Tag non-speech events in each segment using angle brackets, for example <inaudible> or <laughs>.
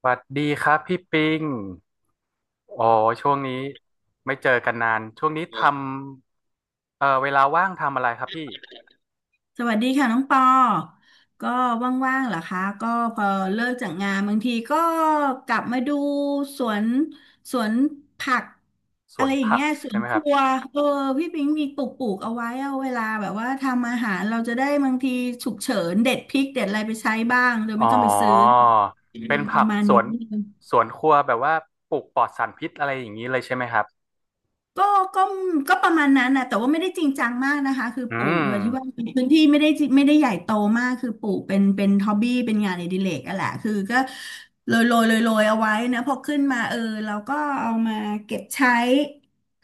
สวัสดีครับพี่ปิงอ๋อช่วงนี้ไม่เจอกันนานช่วงนี้ทำเวลาว่างทำอะไรครับพี่สวัสดีค่ะน้องปอก็ว่างๆเหรอคะ ก็พอเลิกจากงานบางทีก็กลับมาดูสวนสวนผักสอะวไรนอย่างผักเงี้ยสวใช่นไหมคครัรับวเออพี่ปิงมีปลูกเอาไว้เอาเวลาแบบว่าทำอาหารเราจะได้บางทีฉุกเฉินเด็ดพริกเด็ดอะไรไปใช้บ้างโดยอ๋ไม่อต้องไปซื้อเป็นปผัระกมาณสวนี้ นสวนครัวแบบว่าปลูกปลอดสารพิษอะไรอย่างนี้เลยใช่ไหมครับก็ก็ก็ประมาณนั้นนะแต่ว่าไม่ได้จริงจังมากนะคะคืออืปลูกโดยที่ว่ามพื้นที่ไม่ได้ไม่ได้ใหญ่โตมากคือปลูกเป็นฮอบบี้เป็นงานอดิเรกอะแหละคือก็โรยเอาไว้นะพอขึ้นมาเออเราก็เอามาเก็บใช้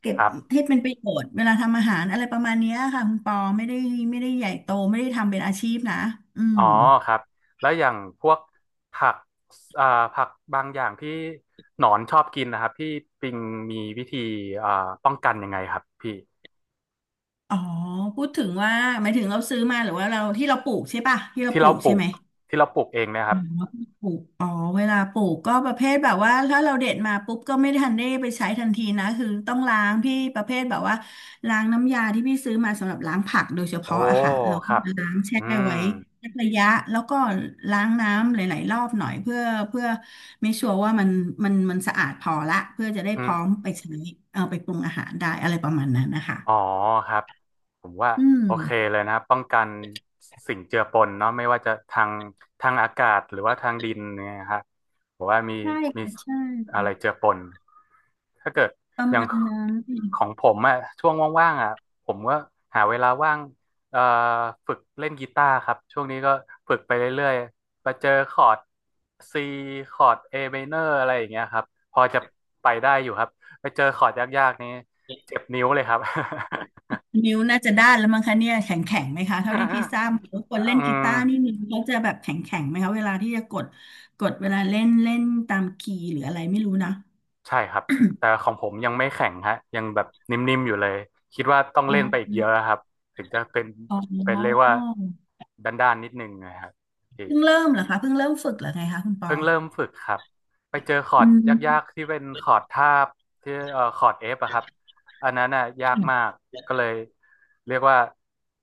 เก็คบรับให้เป็นประโยชน์เวลาทำอาหารอะไรประมาณเนี้ยค่ะคุณปอไม่ได้ใหญ่โตไม่ได้ทำเป็นอาชีพนะอือ๋มอครับแล้วอย่างพวกผักเอ่อผักบางอย่างที่หนอนชอบกินนะครับพี่ปิงมีวิธีเอ่อป้องกันยังไงครับพี่อ๋อพูดถึงว่าหมายถึงเราซื้อมาหรือว่าเราที่เราปลูกใช่ป่ะที่เราที่ปลูเรากปใช่ลูไหกม ที่เราปลูกเองเนะคอืรับ มปลูกอ๋อเวลาปลูกก็ประเภทแบบว่าถ้าเราเด็ดมาปุ๊บก็ไม่ทันได้ไปใช้ทันทีนะคือต้องล้างพี่ประเภทแบบว่าล้างน้ำยาที่พี่ซื้อมาสำหรับล้างผักโดยเฉโอ้พาะอะค่ะเราคก็รับ จะล้างแช่อืม ไว้สักระยะแล้วก็ล้างน้ำหลายๆรอบหน่อยเพื่อไม่ชัวร์ว่ามันสะอาดพอละเพื่อจะได้อืพร้ม อมไปใช้เอาไปปรุงอาหารได้อะไรประมาณนั้นนะคะอ๋อครับผมว่าอืมโอเคเลยนะครับป้องกันสิ่งเจือปนเนาะไม่ว่าจะทางทางอากาศหรือว่าทางดินเนี่ยฮะผมว่ามีใช่มีค่ะใช่อะไรเจือปนถ้าเกิดประอย่ามางณนั้น ของผมอะช่วงว่างๆอะผมก็หาเวลาว่างเอ่อฝึกเล่นกีตาร์ครับช่วงนี้ก็ฝึกไปเรื่อยๆมาเจอคอร์ด C คอร์ด A minor อะไรอย่างเงี้ยครับพอจะไปได้อยู่ครับไปเจอคอร์ดยากๆนี้ เจ็บนิ้วเลยครับ นิ้วน่าจะด้านแล้วมั้งคะเนี่ยแข็งแข็งไหมคะเท่าที่พี่ท <laughs> ราบหรือว่าคนเล่นอืกีตาร์นี่มนิ้วเขาจะแบบแข็งแข็งไหมคะเวลาที่จะกดเวลาเล่นเล่นตามคีย์หรืออะไรไม่รู้นะใช่ครับ แต่ของผมยังไม่แข็งฮะยังแบบนิ่มๆอยู่เลย คิดว่าต้องอ๋เล่นไปอีกเยอะอครับถึงจะเป็นอ๋เรียกอว่าด้านๆนิดนึงนะครับพี่ เพิ่งเริ่มเหรอคะเพิ่งเริ่มฝึกเหรอไงคะคุณปอเพิ่งเริ่มฝึกครับไปเจอคออืร์ดยากๆมที่เป็นคอร์ดทาบที่คอร์ดเอฟอะครับอันนั้นน่ะยากมากก็เลยเรียกว่า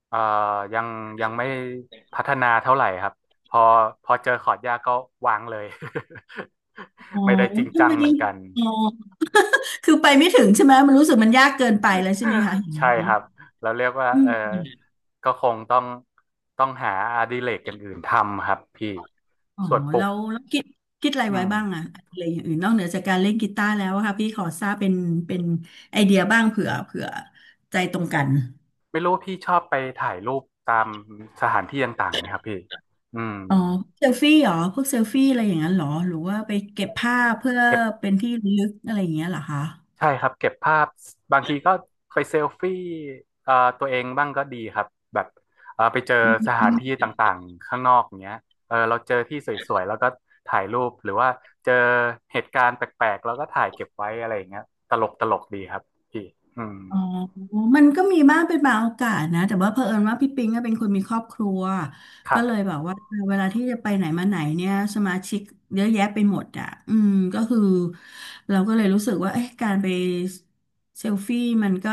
เอ่อยังไม่พัฒนาเท่าไหร่ครับพอเจอคอร์ดยากก็วางเลย อ๋อ <laughs> ไม่ได้จริงทำจังไมเหมือนกันอ๋อคือไปไม่ถึงใช่ไหมมันรู้สึกมันยากเกินไปแล้วใช่ไหมคะอย่างใช่นั้นคนี้รับเราเรียกว่าอืเออม ก็คงต้องหาอดิเรกอย่างอื่นทำครับพี่อ๋อส่วนปลูแล้กวแล้วคิดอะไรอืไว้ม บ้างอะอะไรอย่างอื่นนอกเหนือจากการเล่นกีตาร์แล้วอะค่ะพี่ขอทราบเป็นไอเดียบ้างเผื่อใจตรงกันไม่รู้พี่ชอบไปถ่ายรูปตามสถานที่ต่างๆไหมครับพี่อืมอ๋อเซลฟี่เหรอพวกเซลฟี่อะไรอย่างนั้นเหรอหรือว่าไปเก็บภาพเพื่อเก็บเป็นที่ระลึกอะไรอย่างเงี้ยเหรอคะ ใช่ครับเก็บภาพบางทีก็ไปเซลฟี่เอ่อตัวเองบ้างก็ดีครับแบบไปเจอสถานที่ต่างๆข้างนอกอย่างเงี้ยเออเราเจอที่สวยๆแล้วก็ถ่ายรูปหรือว่าเจอเหตุการณ์แปลกๆแล้วก็ถ่ายเก็บไว้อะไรอย่างเงี้ยตลกตลกดีครับพี่อืมอ๋อมันก็มีบ้างเป็นบางโอกาสนะแต่ว่าเผอิญว่าพี่ปิงก็เป็นคนมีครอบครัวครัก็บเลยแบบว่าเวลาที่จะไปไหนมาไหนเนี่ยสมาชิกเยอะแยะไปหมดอ่ะอืมก็คือเราก็เลยรู้สึกว่าเอ๊ะการไปเซลฟี่มันก็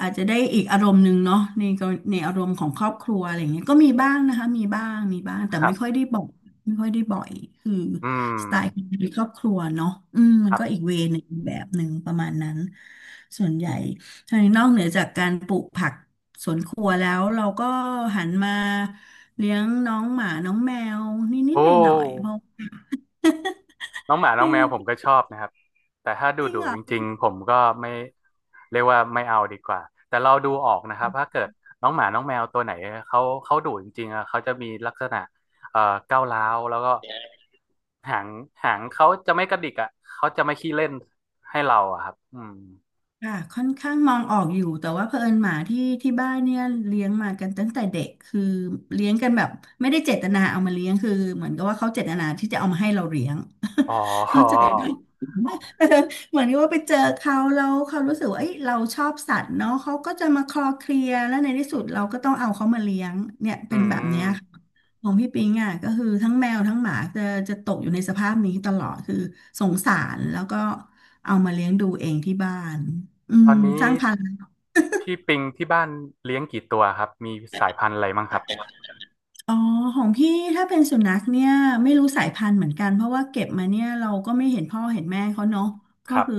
อาจจะได้อีกอารมณ์หนึ่งเนาะในอารมณ์ของครอบครัวอะไรอย่างเงี้ยก็มีบ้างนะคะมีบ้างมีบ้างแต่ครัไม่ค่อบยได้บ่อยไม่ค่อยได้บ่อยคืออืมสไตล์ของครอบครัวเนาะอืมมัคนรัก็อีกบเวย์หนึ่งแบบหนึ่งประมาณนั้นส่วนใหญ่ ใช่นอกเหนือจากการปลูกผักสวนครัวแล้วเราก็หันมาเลี้ยงน้องหมาน้องแมวนิโอดๆหน่อยๆเพ้ ราะ น้องหมาน้องแมวผมก็ <laughs> อชอบนะครับแต่ถ้าดุจริงดุเหรอ จริงๆผมก็ไม่เรียกว่าไม่เอาดีกว่าแต่เราดูออกนะครับถ้าเกิดน้องหมาน้องแมวตัวไหนเขาดุจริงๆอะเขาจะมีลักษณะเอ่อก้าวร้าวแล้วก็หางเขาจะไม่กระดิกอ่ะเขาจะไม่ขี้เล่นให้เราอะครับอืมค่ะค่อนข้างมองออกอยู่แต่ว่าเผอิญหมาที่บ้านเนี่ยเลี้ยงมากันตั้งแต่เด็กคือเลี้ยงกันแบบไม่ได้เจตนาเอามาเลี้ยงคือเหมือนกับว่าเขาเจตนาที่จะเอามาให้เราเลี้ยง อ๋อ <laughs> เขาใจไหมเออ <laughs> เหมือนกับว่าไปเจอเขาแล้วเขารู้สึกว่าเอ้ยเราชอบสัตว์เนาะเขาก็จะมาคลอเคลียร์แล้วในที่สุดเราก็ต้องเอาเขามาเลี้ยงเนี่ยอืเป็นแบบเนี้ยค่ะมของพี่ปิงอ่ะก็คือทั้งแมวทั้งหมาจะตกอยู่ในสภาพนี้ตลอดคือสงสารแล้วก็เอามาเลี้ยงดูเองที่บ้าน อืตอมนนี้สร้างพลังพี่ปิงที่บ้านเลี้ยงกี่ตัวครับมีสายพันธุ์อะไรบ้างครับคั อ๋อของพี่ถ้าเป็นสุนัขเนี่ยไม่รู้สายพันธุ์เหมือนกันเพราะว่าเก็บมาเนี่ยเราก็ไม่เห็นพ่อเห็นแม่เขาเนาะคก็รับ คือ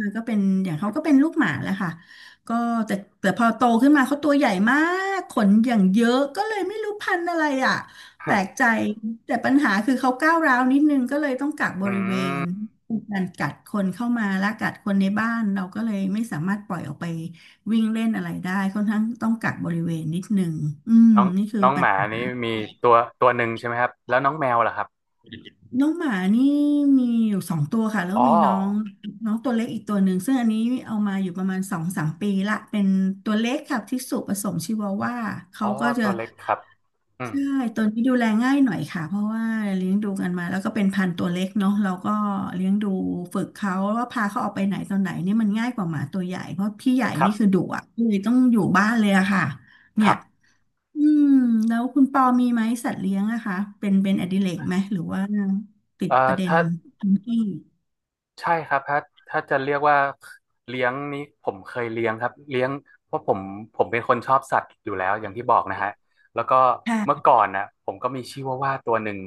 มันก็เป็นอย่างเขาก็เป็นลูกหมาแหละค่ะก็แต่แต่พอโตขึ้นมาเขาตัวใหญ่มากขนอย่างเยอะก็เลยไม่รู้พันธุ์อะไรอ่ะแปลกใจ <laughs> แต่ปัญหาคือเขาก้าวร้าวนิดนึงก็เลยต้องกักบอืริเวณม เป็นการกัดคนเข้ามาและกัดคนในบ้านเราก็เลยไม่สามารถปล่อยออกไปวิ่งเล่นอะไรได้ค่อนข้างต้องกักบริเวณนิดนึงอืมน้องนี่คือ น้องหมานี้มีตัวหนึ่งใช่ไหมครับแล้วน้องแมวล่ะครับน้องหมานี่มีอยู่สองตัวค่ะแล้วอ๋อมีน้องน้องตัวเล็กอีกตัวหนึ่งซึ่งอันนี้เอามาอยู่ประมาณสองสามปีละเป็นตัวเล็กค่ะที่สุผสมชิวาว่าเขาอ๋อก็จะตัวเล็กครับอืมใช่ตัวนี้ดูแลง่ายหน่อยค่ะเพราะว่าเลี้ยงดูกันมาแล้วก็เป็นพันธุ์ตัวเล็กเนาะเราก็เลี้ยงดูฝึกเขาว่าพาเขาออกไปไหนตอนไหนนี่มันง่ายกว่าหมาตัวใหญ่เพราะพี่ใหญ่ครันี่คือบดุอ่ะเลยต้องอยู่บ้านเลยอะค่ะคเนี่รัย บอืมแล้วคุณปอมีไหมสัตว์เลี้ยงอะคะเป็นอดิเรกไหมหรือว่าติดเอ่อประเด็นถ้า ทังที่ใช่ครับถ้าจะเรียกว่าเลี้ยงนี้ผมเคยเลี้ยงครับเลี้ยงเพราะผมเป็นคนชอบสัตว์อยู่แล้วอย่างที่บอกนะฮะแล้วก็เมื่อค่ะก่อนนะผมก็มีชิวาว่าตัวหนึ่ง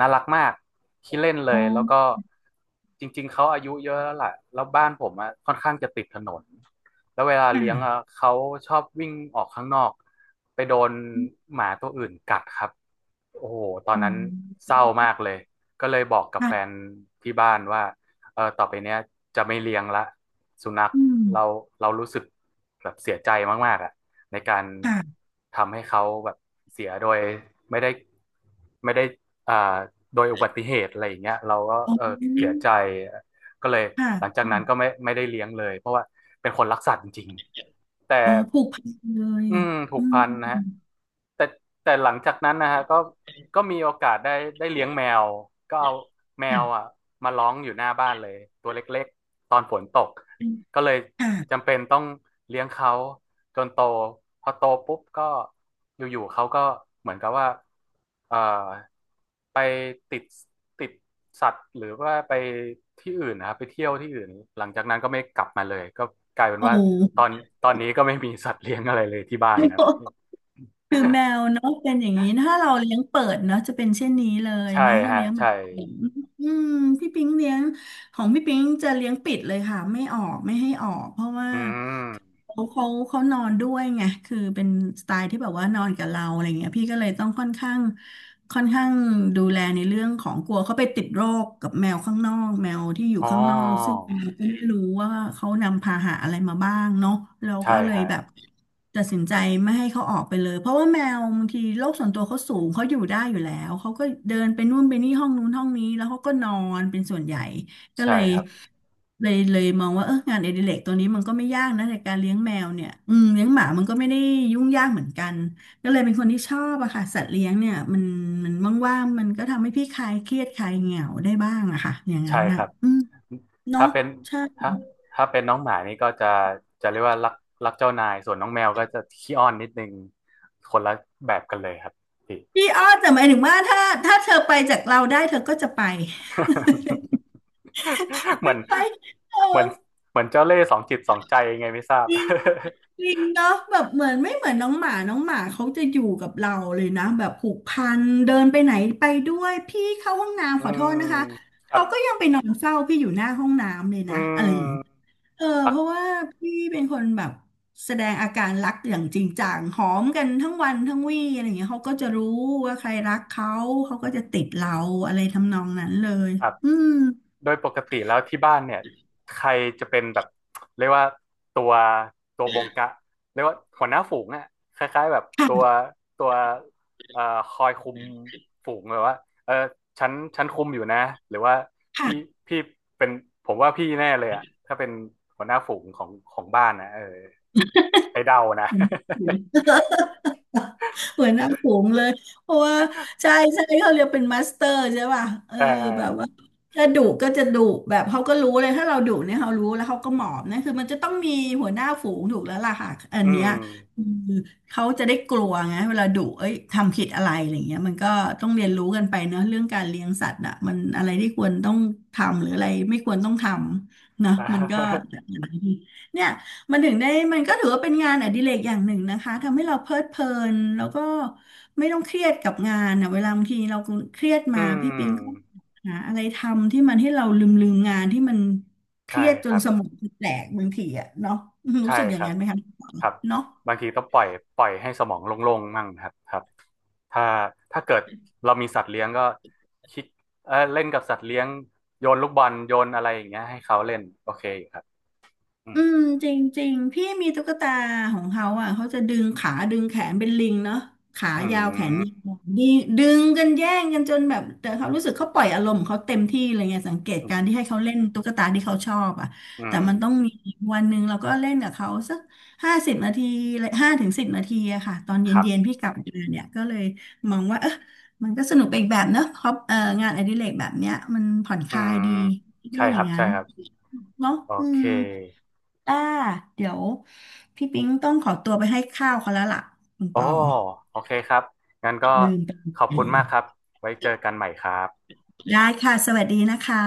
น่ารักมากขี้เล่นเลอ๋อยแล้วก็จริงๆเขาอายุเยอะแล้วล่ะแล้วบ้านผมอะค่อนข้างจะติดถนนแล้วเวลาเลี้ยงอะค่ะเขาชอบวิ่งออกข้างนอกไปโดนหมาตัวอื่นกัดครับโอ้โหตอนอ๋นั้นเศอร้ามากเลยก็เลยบอกกับแฟนค่ะที่บ้านว่า เออต่อไปเนี้ยจะไม่เลี้ยงละสุนัขอืมเรารู้สึกแบบเสียใจมากๆอ่ะในการค่ะทำให้เขาแบบเสียโดยไม่ได้ไม่ได้อ่าโดยอุบัติเหตุอะไรอย่างเงี้ยเราก็อ๋เออเสียอใจ ก็เลยค่หลังจากนั้นก็ะไม่ได้เลี้ยงเลยเพราะว่าเป็นคนรักสัตว์จริงๆแต่อ๋อผูกพันเลยอืมผูอืกพันนะฮะมแต่หลังจากนั้นนะฮะก็มีโอกาสได้ได้เลี้ยงแมวก็เอาแมวอ่ะมาร้องอยู่หน้าบ้านเลยตัวเล็กๆตอนฝนตกก็เลย ค่ะจำเป็นต้องเลี้ยงเขาจนโตพอโตปุ๊บก็อยู่ๆเขาก็เหมือนกับว่าเอ่อไปติดติดสัตว์หรือว่าไปที่อื่นนะครับไปเที่ยวที่อื่นหลังจากนั้นก็ไม่กลับมาเลยก็กลายเป็นโอ้ว่าตอนนี้ก็ไม่มีสัตว์เลี้ยงอะไรเลยที่บ้านนะครับ คือแมวเนาะเป็นอย่างนี้ถ้าเราเลี้ยงเปิดเนาะจะเป็นเช่นนี้เล <laughs> ยใช่เนาะถ้าฮะเลี้ยงแบใช่บอืมพี่ปิ๊งเลี้ยง ของพี่ปิงจะเลี้ยงปิดเลยค่ะไม่ออกไม่ให้ออกเพราะว่าอืมเขานอนด้วยไงคือเป็นสไตล์ที่แบบว่านอนกับเราอะไรเงี้ยพี่ก็เลยต้องค่อนข้างค่อนข้างดูแลในเรื่องของกลัวเขาไปติดโรคกับแมวข้างนอกแมวที่อยู่อ๋อข้างนอกซึ่งเราก็ไม่รู้ว่าเขานำพาหะอะไรมาบ้างเนาะเราใช่ก็เลยฮะแบบตัดสินใจไม่ให้เขาออกไปเลยเพราะว่าแมวบางทีโลกส่วนตัวเขาสูงเขาอยู่ได้อยู่แล้วเขาก็เดินไปนู่นไปนี่ห้องนู้นห้องนี้แล้วเขาก็นอนเป็นส่วนใหญ่ ก็ใช่เลยครับเลยเลยมองว่าเอองานอดิเรกตัวนี้มันก็ไม่ยากนะในการเลี้ยงแมวเนี่ยอืมเลี้ยงหมามันก็ไม่ได้ยุ่งยากเหมือนกันก็เลยเป็นคนที่ชอบอะค่ะสัตว์เลี้ยงเนี่ยมันว่างๆมันก็ทำให้พี่คลายเครียดคลายเหงาได้บ้างอะค่ะอย่างนั้ใช่นคน่ะรับ อืมเนาะถ้าเป็นใช่ถ้าเป็นน้องหมานี่ก็จะเรียกว่ารักเจ้านายส่วนน้องแมวก็จะขี้อ้อนนิดนึงคนละแบบกันเลยครับพี่ พี่อ้อแต่หมายถึงว่าถ้าเธอไปจากเราได้เธอก็จะไป <laughs> <laughs> เหมือไม่นไปเอเหมือนเหมือนเจ้าเล่ห์สองจิตสองใจยังไงไม่ทอ ราบ จริงเนาะแบบเหมือนไม่เหมือนน้องหมาเขาจะอยู่กับเราเลยนะแบบผูกพันเดินไปไหนไปด้วยพี่เข้าห้อง <laughs> น้ำอืขอโทษนะมคะครัเขาบก็ยังไปนอนเฝ้าพี่อยู่หน้าห้องน้ำเลยอืนะอะไรอย่างงี้มเออรัเพกราะว่าพี่เป็นคนแบบแสดงอาการรักอย่างจริงจังหอมกันทั้งวันทั้งวี่อะไรอย่างเงี้ยเขาก็จะรู้ว่าใครรักเขาเขาก็จะติดเราอะไรทำนองนั้นเลยครับ อืมโดยปกติแล้วที่บ้านเนี่ยใครจะเป็นแบบเรียกว่าตัวบงกะเรียกว่าหัวหน้าฝูงอ่ะคล้ายๆแบบตัวค่ะตัวเอ่อคอยคุมฝูงเลยว่าเออฉันคุมอยู่นะหรือว่าพี่ค่ะ พี่เป็นผมว่าพี่แน่เลยอ่ะถ้าเป็นหัวหน้าฝูงของบ้านนะเออไอ้เดานะ <laughs> เหมือนน้ำผงเลยเพราะว่าใช่ใช่เขาเรียกเป็นมาสเตอร์ใช่ป่ะเออ <laughs> เอแบบว่าอจะดุก็จะดุแบบเขาก็รู้เลยถ้าเราดุเนี่ยเขารู้แล้วเขาก็หมอบนะคือมันจะต้องมีหัวหน้าฝูงถูกแล้วล่ะค่ะอันอืเนี้ม ยคือเขาจะได้กลัวไงเวลาดุเอ้ยทำผิดอะไรอะไรเงี้ยมันก็ต้องเรียนรู้กันไปเนอะเรื่องการเลี้ยงสัตว์อ่ะมันอะไรที่ควรต้องทำหรืออะไรไม่ควรต้องทำเนอะมันก็ <laughs> เนี่ย มันถึงได้มันก็ถือว่าเป็นงานอดิเรกอย่างหนึ่งนะคะทำให้เราเพลิดเพลินแล้วก็ไม่ต้องเครียดกับงานนะเวลาบางทีเราเครียดอืมาพี่ปิงก็มหาอะไรทำที่มันให้เราลืมงานที่มันเคใช่รียดจคนรับสมองแตกบางทีอะเนาะรู้ใช่สึกอคย่างรับ นั้นไหมคะครับเนาะ บางทีต้องปล่อยให้สมองโล่งๆมั่งครับครับถ้าเกิดเรามีสัตว์เลี้ยงก็คิดเออเล่นกับสัตว์เลี้ยงโยนลูกบอลโยนอะไรอย่างเงี้ยให้เขาเล่นโอเคครับอืมอืมจริงๆพี่มีตุ๊กตาของเขาอ่ะเขาจะดึงขาดึงแขนเป็นลิงเนาะขาอืยาวแขนยามวดึงดึงกันแย่งกันจนแบบแต่เขารู้สึกเขาปล่อยอารมณ์ของเขาเต็มที่เลยไงสังเกตอืการที่ให้มเขาเล่นตุ๊กตาที่เขาชอบอ่ะอืแต่มมันต้องมีวันหนึ่งเราก็เล่นกับเขาสัก50 นาที5 ถึง 10 นาทีอะค่ะตอนเครัย็นๆบพี่กลับมาเนี่ยก็เลยมองว่าเออมันก็สนุกไปอีกแบบเนาะครับเอองานอดิเรกแบบเนี้ยมันผ่อนคอืลามยดีคิดใช่ว่าอคย่ารังบนั้ใช่นครับเนาะโออืเคม อ่าเดี๋ยวพี่ปิ๊งต้องขอตัวไปให้ข้าวเขาแล้วล่ะคุณปโอ้อโอเคครับงั้นก็ลืมไปขอบเลคุณยมากครับไว้เจอกันใหม่ครับได้ค่ะสวัสดีนะคะ